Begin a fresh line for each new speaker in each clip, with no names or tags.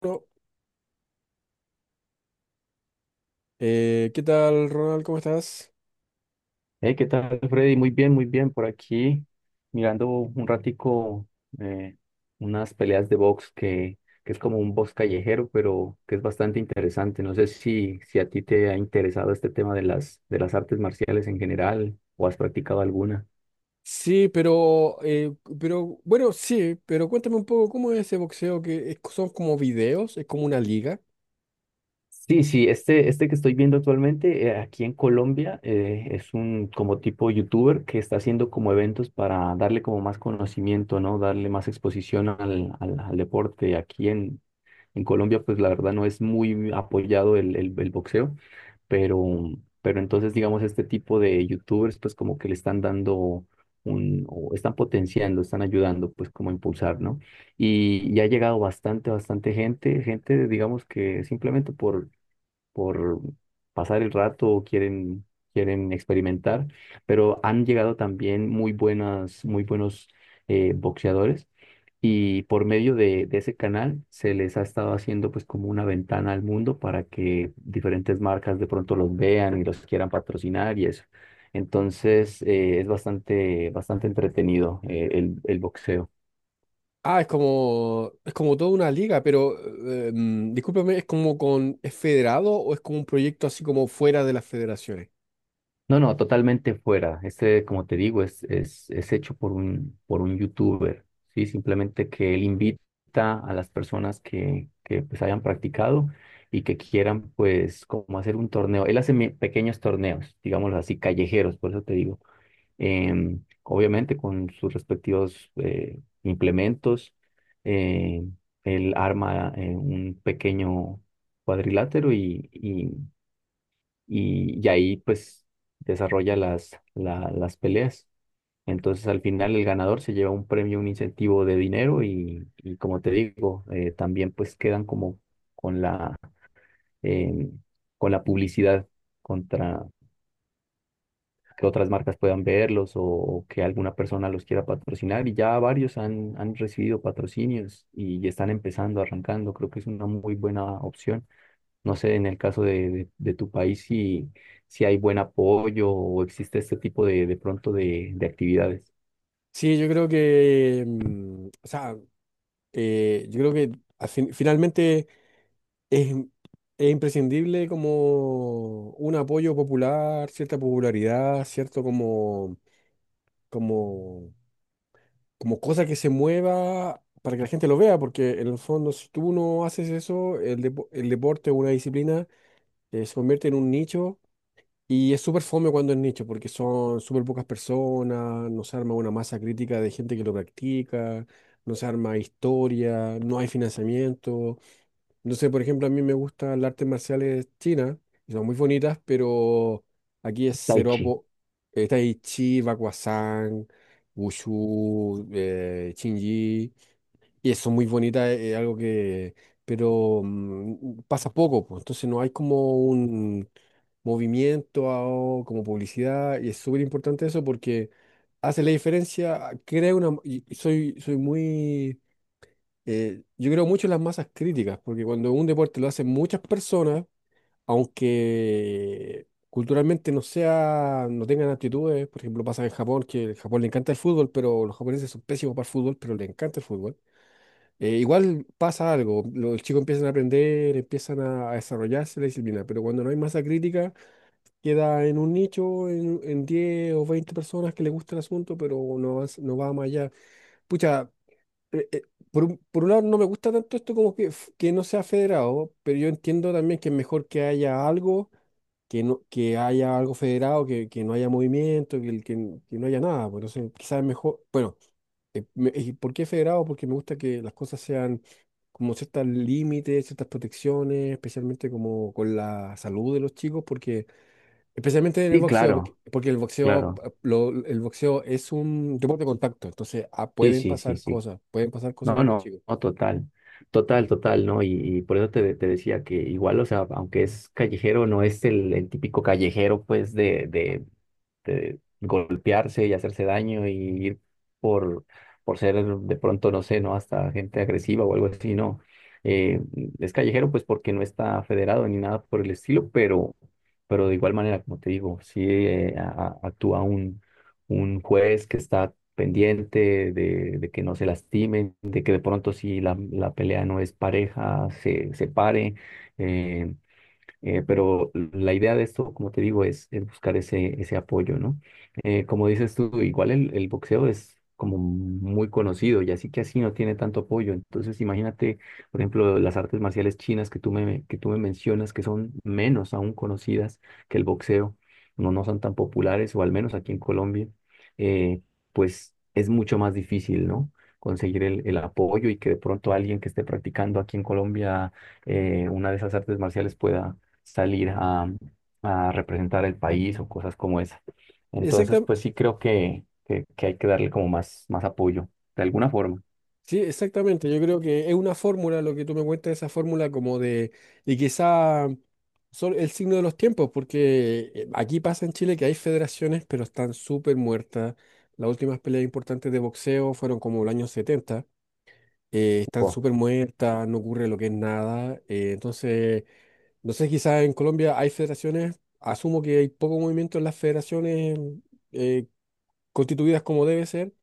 Bueno, ¿qué tal, Ronald? ¿Cómo estás?
Hey, ¿qué tal, Freddy? Muy bien, muy bien. Por aquí, mirando un ratico eh, unas peleas de box que es como un box callejero, pero que es bastante interesante. No sé si a ti te ha interesado este tema de de las artes marciales en general o has practicado alguna.
Sí, pero bueno, sí, pero cuéntame un poco cómo es ese boxeo que es- son como videos, es como una liga.
Sí, sí, este que estoy viendo actualmente aquí en Colombia, es un como tipo youtuber que está haciendo como eventos para darle como más conocimiento, ¿no? Darle más exposición al deporte. En Colombia, pues la verdad no es muy apoyado el boxeo, pero, pero entonces, digamos, este tipo de youtubers, pues como que le están dando un, o están potenciando, están ayudando, pues como a impulsar, ¿no? Y ha llegado bastante, bastante gente, gente, digamos que simplemente por pasar el rato o quieren experimentar, pero han llegado también muy buenas, muy buenos boxeadores, y por medio de ese canal se les ha estado haciendo pues como una ventana al mundo para que diferentes marcas de pronto los vean y los quieran patrocinar y eso. Entonces, es bastante, bastante entretenido, el boxeo.
Ah, es como toda una liga, pero discúlpame, ¿es como con, es federado o es como un proyecto así como fuera de las federaciones?
No, no, totalmente fuera. Este, como te digo, es hecho por un youtuber, ¿sí? Simplemente que él invita a las personas que pues hayan practicado y que quieran pues como hacer un torneo. Él hace pequeños torneos, digámoslo así, callejeros, por eso te digo. Obviamente con sus respectivos implementos. eh, Él arma, un pequeño cuadrilátero y ahí pues desarrolla las peleas. Entonces al final el ganador se lleva un premio, un incentivo de dinero y como te digo, también pues quedan como con la, eh, con la publicidad contra que otras marcas puedan verlos o que alguna persona los quiera patrocinar, y ya varios han, han recibido patrocinios y están empezando, arrancando. Creo que es una muy buena opción. No sé, en el caso de tu país, si, si hay buen apoyo o existe este tipo de pronto de actividades.
Sí, yo creo que, o sea, yo creo que al fin- finalmente Es, es imprescindible como un apoyo popular, cierta popularidad, cierto como, como cosa que se mueva para que la gente lo vea, porque en el fondo si tú no haces eso, el deporte o una disciplina se convierte en un nicho y es súper fome cuando es nicho, porque son súper pocas personas, no se arma una masa crítica de gente que lo practica, no se arma historia, no hay financiamiento. No sé, por ejemplo, a mí me gustan las artes marciales chinas, y son muy bonitas, pero aquí es
Tai
cero
chi.
apo. Tai Chi, Bakuazan, Wushu, Qin Yi, y eso muy bonita, es algo que. Pero pasa poco, pues, entonces no hay como un movimiento a- o como publicidad, y es súper importante eso porque hace la diferencia, crea una. Y soy muy yo creo mucho en las masas críticas, porque cuando un deporte lo hacen muchas personas, aunque culturalmente no sea, no tengan aptitudes, por ejemplo, pasa en Japón, que en Japón le encanta el fútbol, pero los japoneses son pésimos para el fútbol, pero le encanta el fútbol. Igual pasa algo, los chicos empiezan a aprender, empiezan a desarrollarse la disciplina, pero cuando no hay masa crítica, queda en un nicho, en 10 o 20 personas que le gusta el asunto, pero no, va no va más allá. Pucha, eh, eh, por un lado no me gusta tanto esto como que, que no sea federado, pero yo entiendo también que es mejor que haya algo, que no, que haya algo federado, que no haya movimiento, que, el- que no haya nada. Pues, entonces, quizás es mejor, bueno, ¿y por qué federado? Porque me gusta que las cosas sean como ciertos límites, ciertas protecciones, especialmente como con la salud de los chicos, porque especialmente en el
Sí,
boxeo,
claro,
porque el boxeo,
claro.
el boxeo es un deporte de contacto, entonces ah,
Sí, sí, sí, sí.
pueden pasar cosas
No, no,
con los chicos.
no, total, total, total, ¿no? Y por eso te decía que igual, o sea, aunque es callejero, no es el típico callejero, pues, de golpearse y hacerse daño y por, por ser de pronto, no sé, ¿no? Hasta gente agresiva o algo así, ¿no? Eh, es callejero, pues, porque no está federado ni nada por el estilo, pero de igual manera, como te digo, sí, actúa un juez que está pendiente de que no se lastimen, de que de pronto si la pelea no es pareja, se separe. eh, pero la idea de esto, como te digo, es buscar ese, ese apoyo, ¿no? Como dices tú, igual el boxeo es como muy conocido y así que así no tiene tanto apoyo. Entonces, imagínate, por ejemplo, las artes marciales chinas que tú me mencionas, que son menos aún conocidas que el boxeo. No, no son tan populares, o al menos aquí en Colombia. eh, pues es mucho más difícil, ¿no?, conseguir el apoyo y que de pronto alguien que esté practicando aquí en Colombia, una de esas artes marciales, pueda salir a representar el país o cosas como esa. Entonces, pues sí creo que hay que darle como más, más apoyo, de alguna forma.
Sí, exactamente. Yo creo que es una fórmula, lo que tú me cuentas, esa fórmula como de, y quizá son el signo de los tiempos, porque aquí pasa en Chile que hay federaciones, pero están súper muertas. Las últimas peleas importantes de boxeo fueron como el año 70. Están
Wow.
súper muertas, no ocurre lo que es nada. Entonces, no sé, quizás en Colombia hay federaciones, asumo que hay poco movimiento en las federaciones eh, constituidas como debe ser.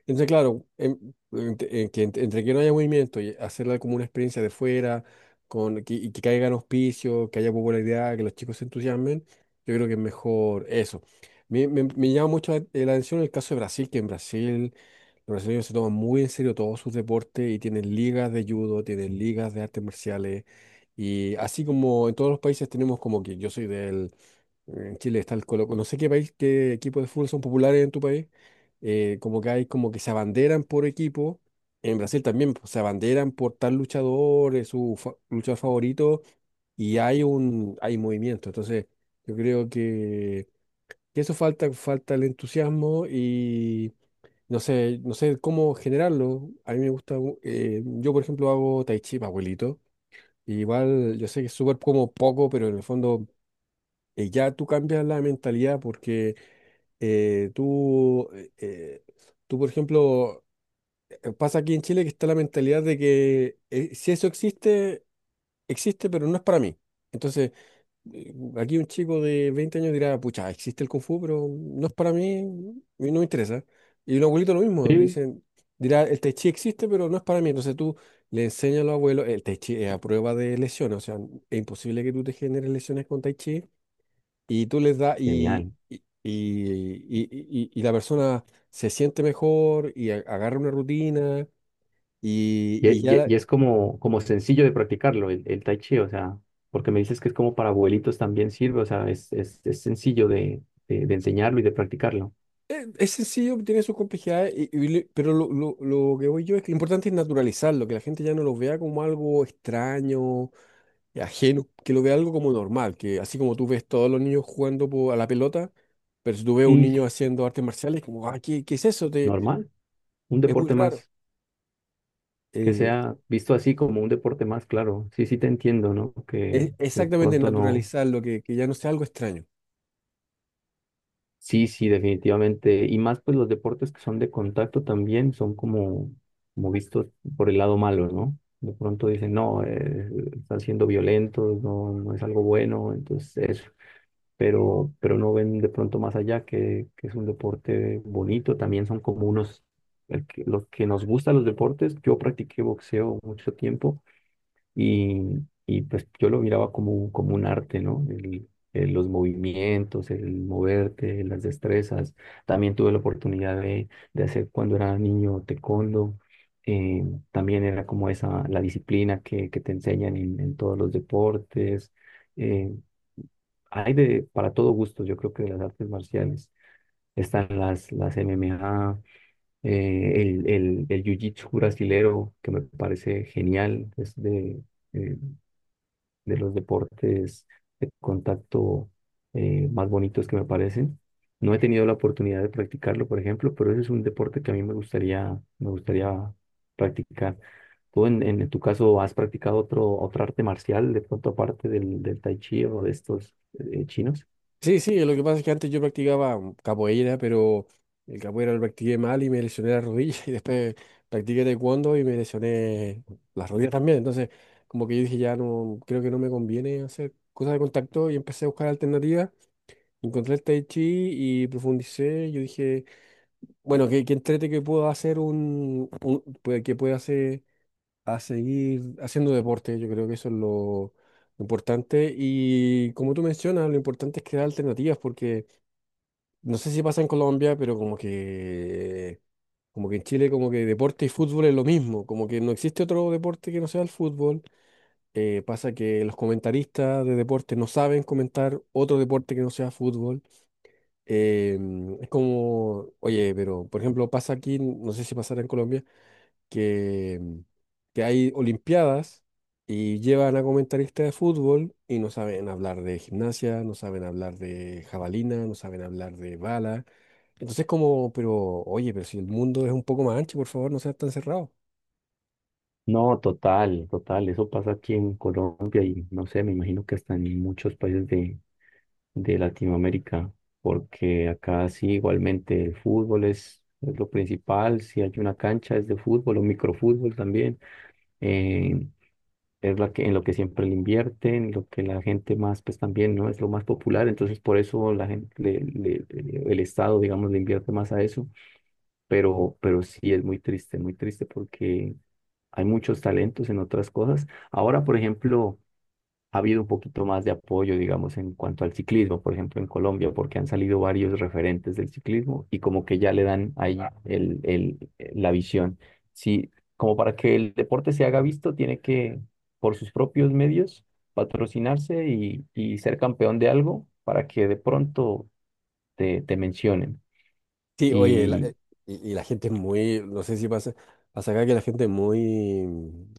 Entonces, claro, en que entre que no haya movimiento y hacerla como una experiencia de fuera, con, que, y que caigan auspicios, que haya popularidad, que los chicos se entusiasmen, yo creo que es mejor eso. Me llama mucho la, la atención el caso de Brasil, que en Brasil los brasileños se toman muy en serio todos sus deportes y tienen ligas de judo, tienen ligas de artes marciales. Y así como en todos los países tenemos como que yo soy del en Chile está el Colo. No sé qué país, qué equipos de fútbol son populares en tu país. Como que hay como que se abanderan por equipo. En Brasil también pues, se abanderan por tal luchador, es su luchador favorito, y hay un hay movimiento. Entonces, yo creo que eso falta, falta el entusiasmo y no sé, no sé cómo generarlo. A mí me gusta, yo por ejemplo hago tai chi, pa' abuelito. Igual yo sé que es súper como poco, pero en el fondo ya tú cambias la mentalidad porque eh, tú, eh, eh, tú, por ejemplo, pasa aquí en Chile que está la mentalidad de que si eso existe, existe, pero no es para mí. Entonces, aquí un chico de 20 años dirá, pucha, existe el Kung Fu, pero no es para mí y no me interesa. Y un abuelito lo mismo,
Sí.
dirá, el Tai Chi existe, pero no es para mí. Entonces tú le enseñas a los abuelos, el Tai Chi es a prueba de lesiones, o sea, es imposible que tú te generes lesiones con Tai Chi y tú les das y,
Genial.
y, y- y- y- y la persona se siente mejor y agarra una rutina y ya la-
Y es como, como sencillo de practicarlo, el tai chi, o sea, porque me dices que es como para abuelitos también sirve, o sea, es sencillo de enseñarlo y de practicarlo.
es sencillo, tiene sus complejidades, pero lo que voy yo es que lo importante es naturalizarlo, que la gente ya no lo vea como algo extraño, ajeno, que lo vea algo como normal, que así como tú ves todos los niños jugando a la pelota, pero si tú ves un
Sí, sí,
niño haciendo artes marciales, como, ah, ¿qué es eso?
normal, un
Es muy
deporte
raro.
más, que
Eh,
sea visto así como un deporte más, claro. Sí, sí, te entiendo, ¿no?
es
Que de
exactamente
pronto no.
naturalizarlo, que ya no sea algo extraño.
Sí, sí, definitivamente. Y más pues los deportes que son de contacto también son como, como vistos por el lado malo, ¿no? De pronto dicen, no, están siendo violentos, no, no es algo bueno, entonces eso. Pero no ven de pronto más allá que es un deporte bonito. También son como unos, los que nos gustan los deportes. Yo practiqué boxeo mucho tiempo y, y pues yo lo miraba como, como un arte, ¿no? Los movimientos, el moverte, las destrezas. También tuve la oportunidad de hacer cuando era niño taekwondo. Eh, También era como esa, la disciplina que te enseñan en todos los deportes. Eh, Hay de, para todo gusto, yo creo que, de las artes marciales. Están las MMA, el jiu-jitsu brasilero, que me parece genial. Es eh, de los deportes de contacto, más bonitos que me parecen. No he tenido la oportunidad de practicarlo, por ejemplo, pero ese es un deporte que a mí me gustaría practicar. ¿Tú en tu caso has practicado otro, otra arte marcial de pronto aparte del tai chi o de estos, chinos?
Sí, sí, lo que pasa es que antes yo practicaba capoeira, pero el capoeira lo practiqué mal y me lesioné la rodilla y después practiqué taekwondo y me lesioné las rodillas también. Entonces, como que yo dije, ya no, creo que no me conviene hacer cosas de contacto y empecé a buscar alternativas. Encontré el tai chi y profundicé. Yo dije, bueno, que entrete que puedo hacer pues, que pueda hacer a seguir haciendo deporte. Yo creo que eso es lo importante. Y como tú mencionas, lo importante es crear alternativas porque no sé si pasa en Colombia, pero como que en Chile, como que deporte y fútbol es lo mismo, como que no existe otro deporte que no sea el fútbol. Pasa que los comentaristas de deporte no saben comentar otro deporte que no sea fútbol. Es como, oye, pero por ejemplo pasa aquí, no sé si pasará en Colombia, que, que hay olimpiadas y llevan a comentaristas de fútbol y no saben hablar de gimnasia, no saben hablar de jabalina, no saben hablar de bala. Entonces como, pero oye, pero si el mundo es un poco más ancho, por favor, no seas tan cerrado.
No, total, total. Eso pasa aquí en Colombia y no sé, me imagino que hasta en muchos países de Latinoamérica, porque acá sí igualmente el fútbol es lo principal. Si hay una cancha es de fútbol o microfútbol también. eh, es la que, en lo que siempre le invierten, lo que la gente más, pues también, ¿no? Es lo más popular, entonces por eso la gente, el Estado, digamos, le invierte más a eso, pero sí es muy triste, muy triste, porque hay muchos talentos en otras cosas. Ahora, por ejemplo, ha habido un poquito más de apoyo, digamos, en cuanto al ciclismo, por ejemplo, en Colombia, porque han salido varios referentes del ciclismo y como que ya le dan ahí la visión. Sí, como para que el deporte se haga visto, tiene que, por sus propios medios, patrocinarse y ser campeón de algo para que de pronto te, te mencionen.
Sí, oye, y la gente es muy, no sé si pasa acá que la gente es muy,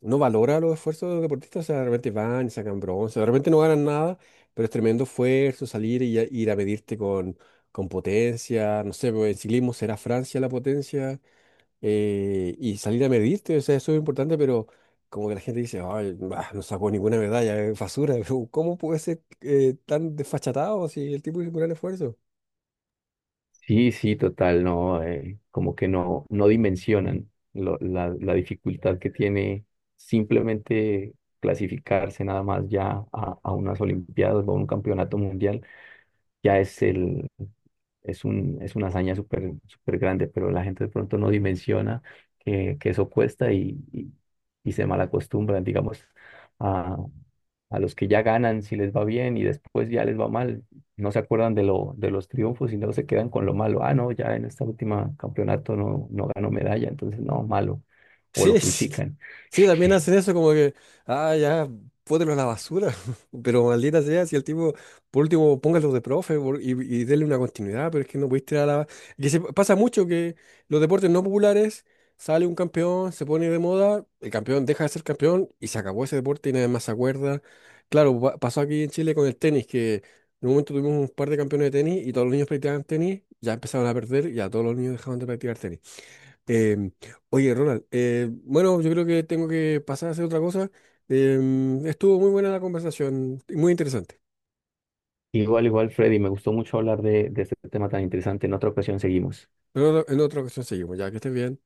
no valora los esfuerzos de los deportistas, o sea, de repente van y sacan bronce, de repente no ganan nada, pero es tremendo esfuerzo salir y ir a medirte con potencia, no sé, pues, en ciclismo será Francia la potencia, y salir a medirte, o sea, eso es importante, pero como que la gente dice, ay, bah, no sacó ninguna medalla, es basura, pero ¿cómo puede ser tan desfachatado si el tipo hizo un gran esfuerzo?
Sí, sí, total, no, como que no, no dimensionan la dificultad que tiene simplemente clasificarse nada más ya a unas Olimpiadas o a un campeonato mundial. Ya es es un, es una hazaña súper, súper grande, pero la gente de pronto no dimensiona que eso cuesta y se malacostumbran, digamos, a, a los que ya ganan si les va bien y después ya les va mal, no se acuerdan de los triunfos y no se quedan con lo malo. Ah, no, ya en esta última campeonato no, no ganó medalla, entonces no, malo. O lo
Sí, sí,
critican.
sí, también hacen eso como que, ah, ya, pótelo a la basura, pero maldita sea, si el tipo, por último, póngalo de profe y dele una continuidad, pero es que no pudiste tirar a la... Que se, pasa mucho que los deportes no populares, sale un campeón, se pone de moda, el campeón deja de ser campeón y se acabó ese deporte y nadie más se acuerda. Claro, pasó aquí en Chile con el tenis, que en un momento tuvimos un par de campeones de tenis y todos los niños practicaban tenis, ya empezaron a perder y ya todos los niños dejaban de practicar tenis. Em, Oye, Ronald, bueno, yo creo que tengo que pasar a hacer otra cosa. Estuvo muy buena la conversación, muy interesante.
Igual, igual, Freddy, me gustó mucho hablar de este tema tan interesante. En otra ocasión seguimos.
Pero en otra ocasión seguimos, ya que estés bien.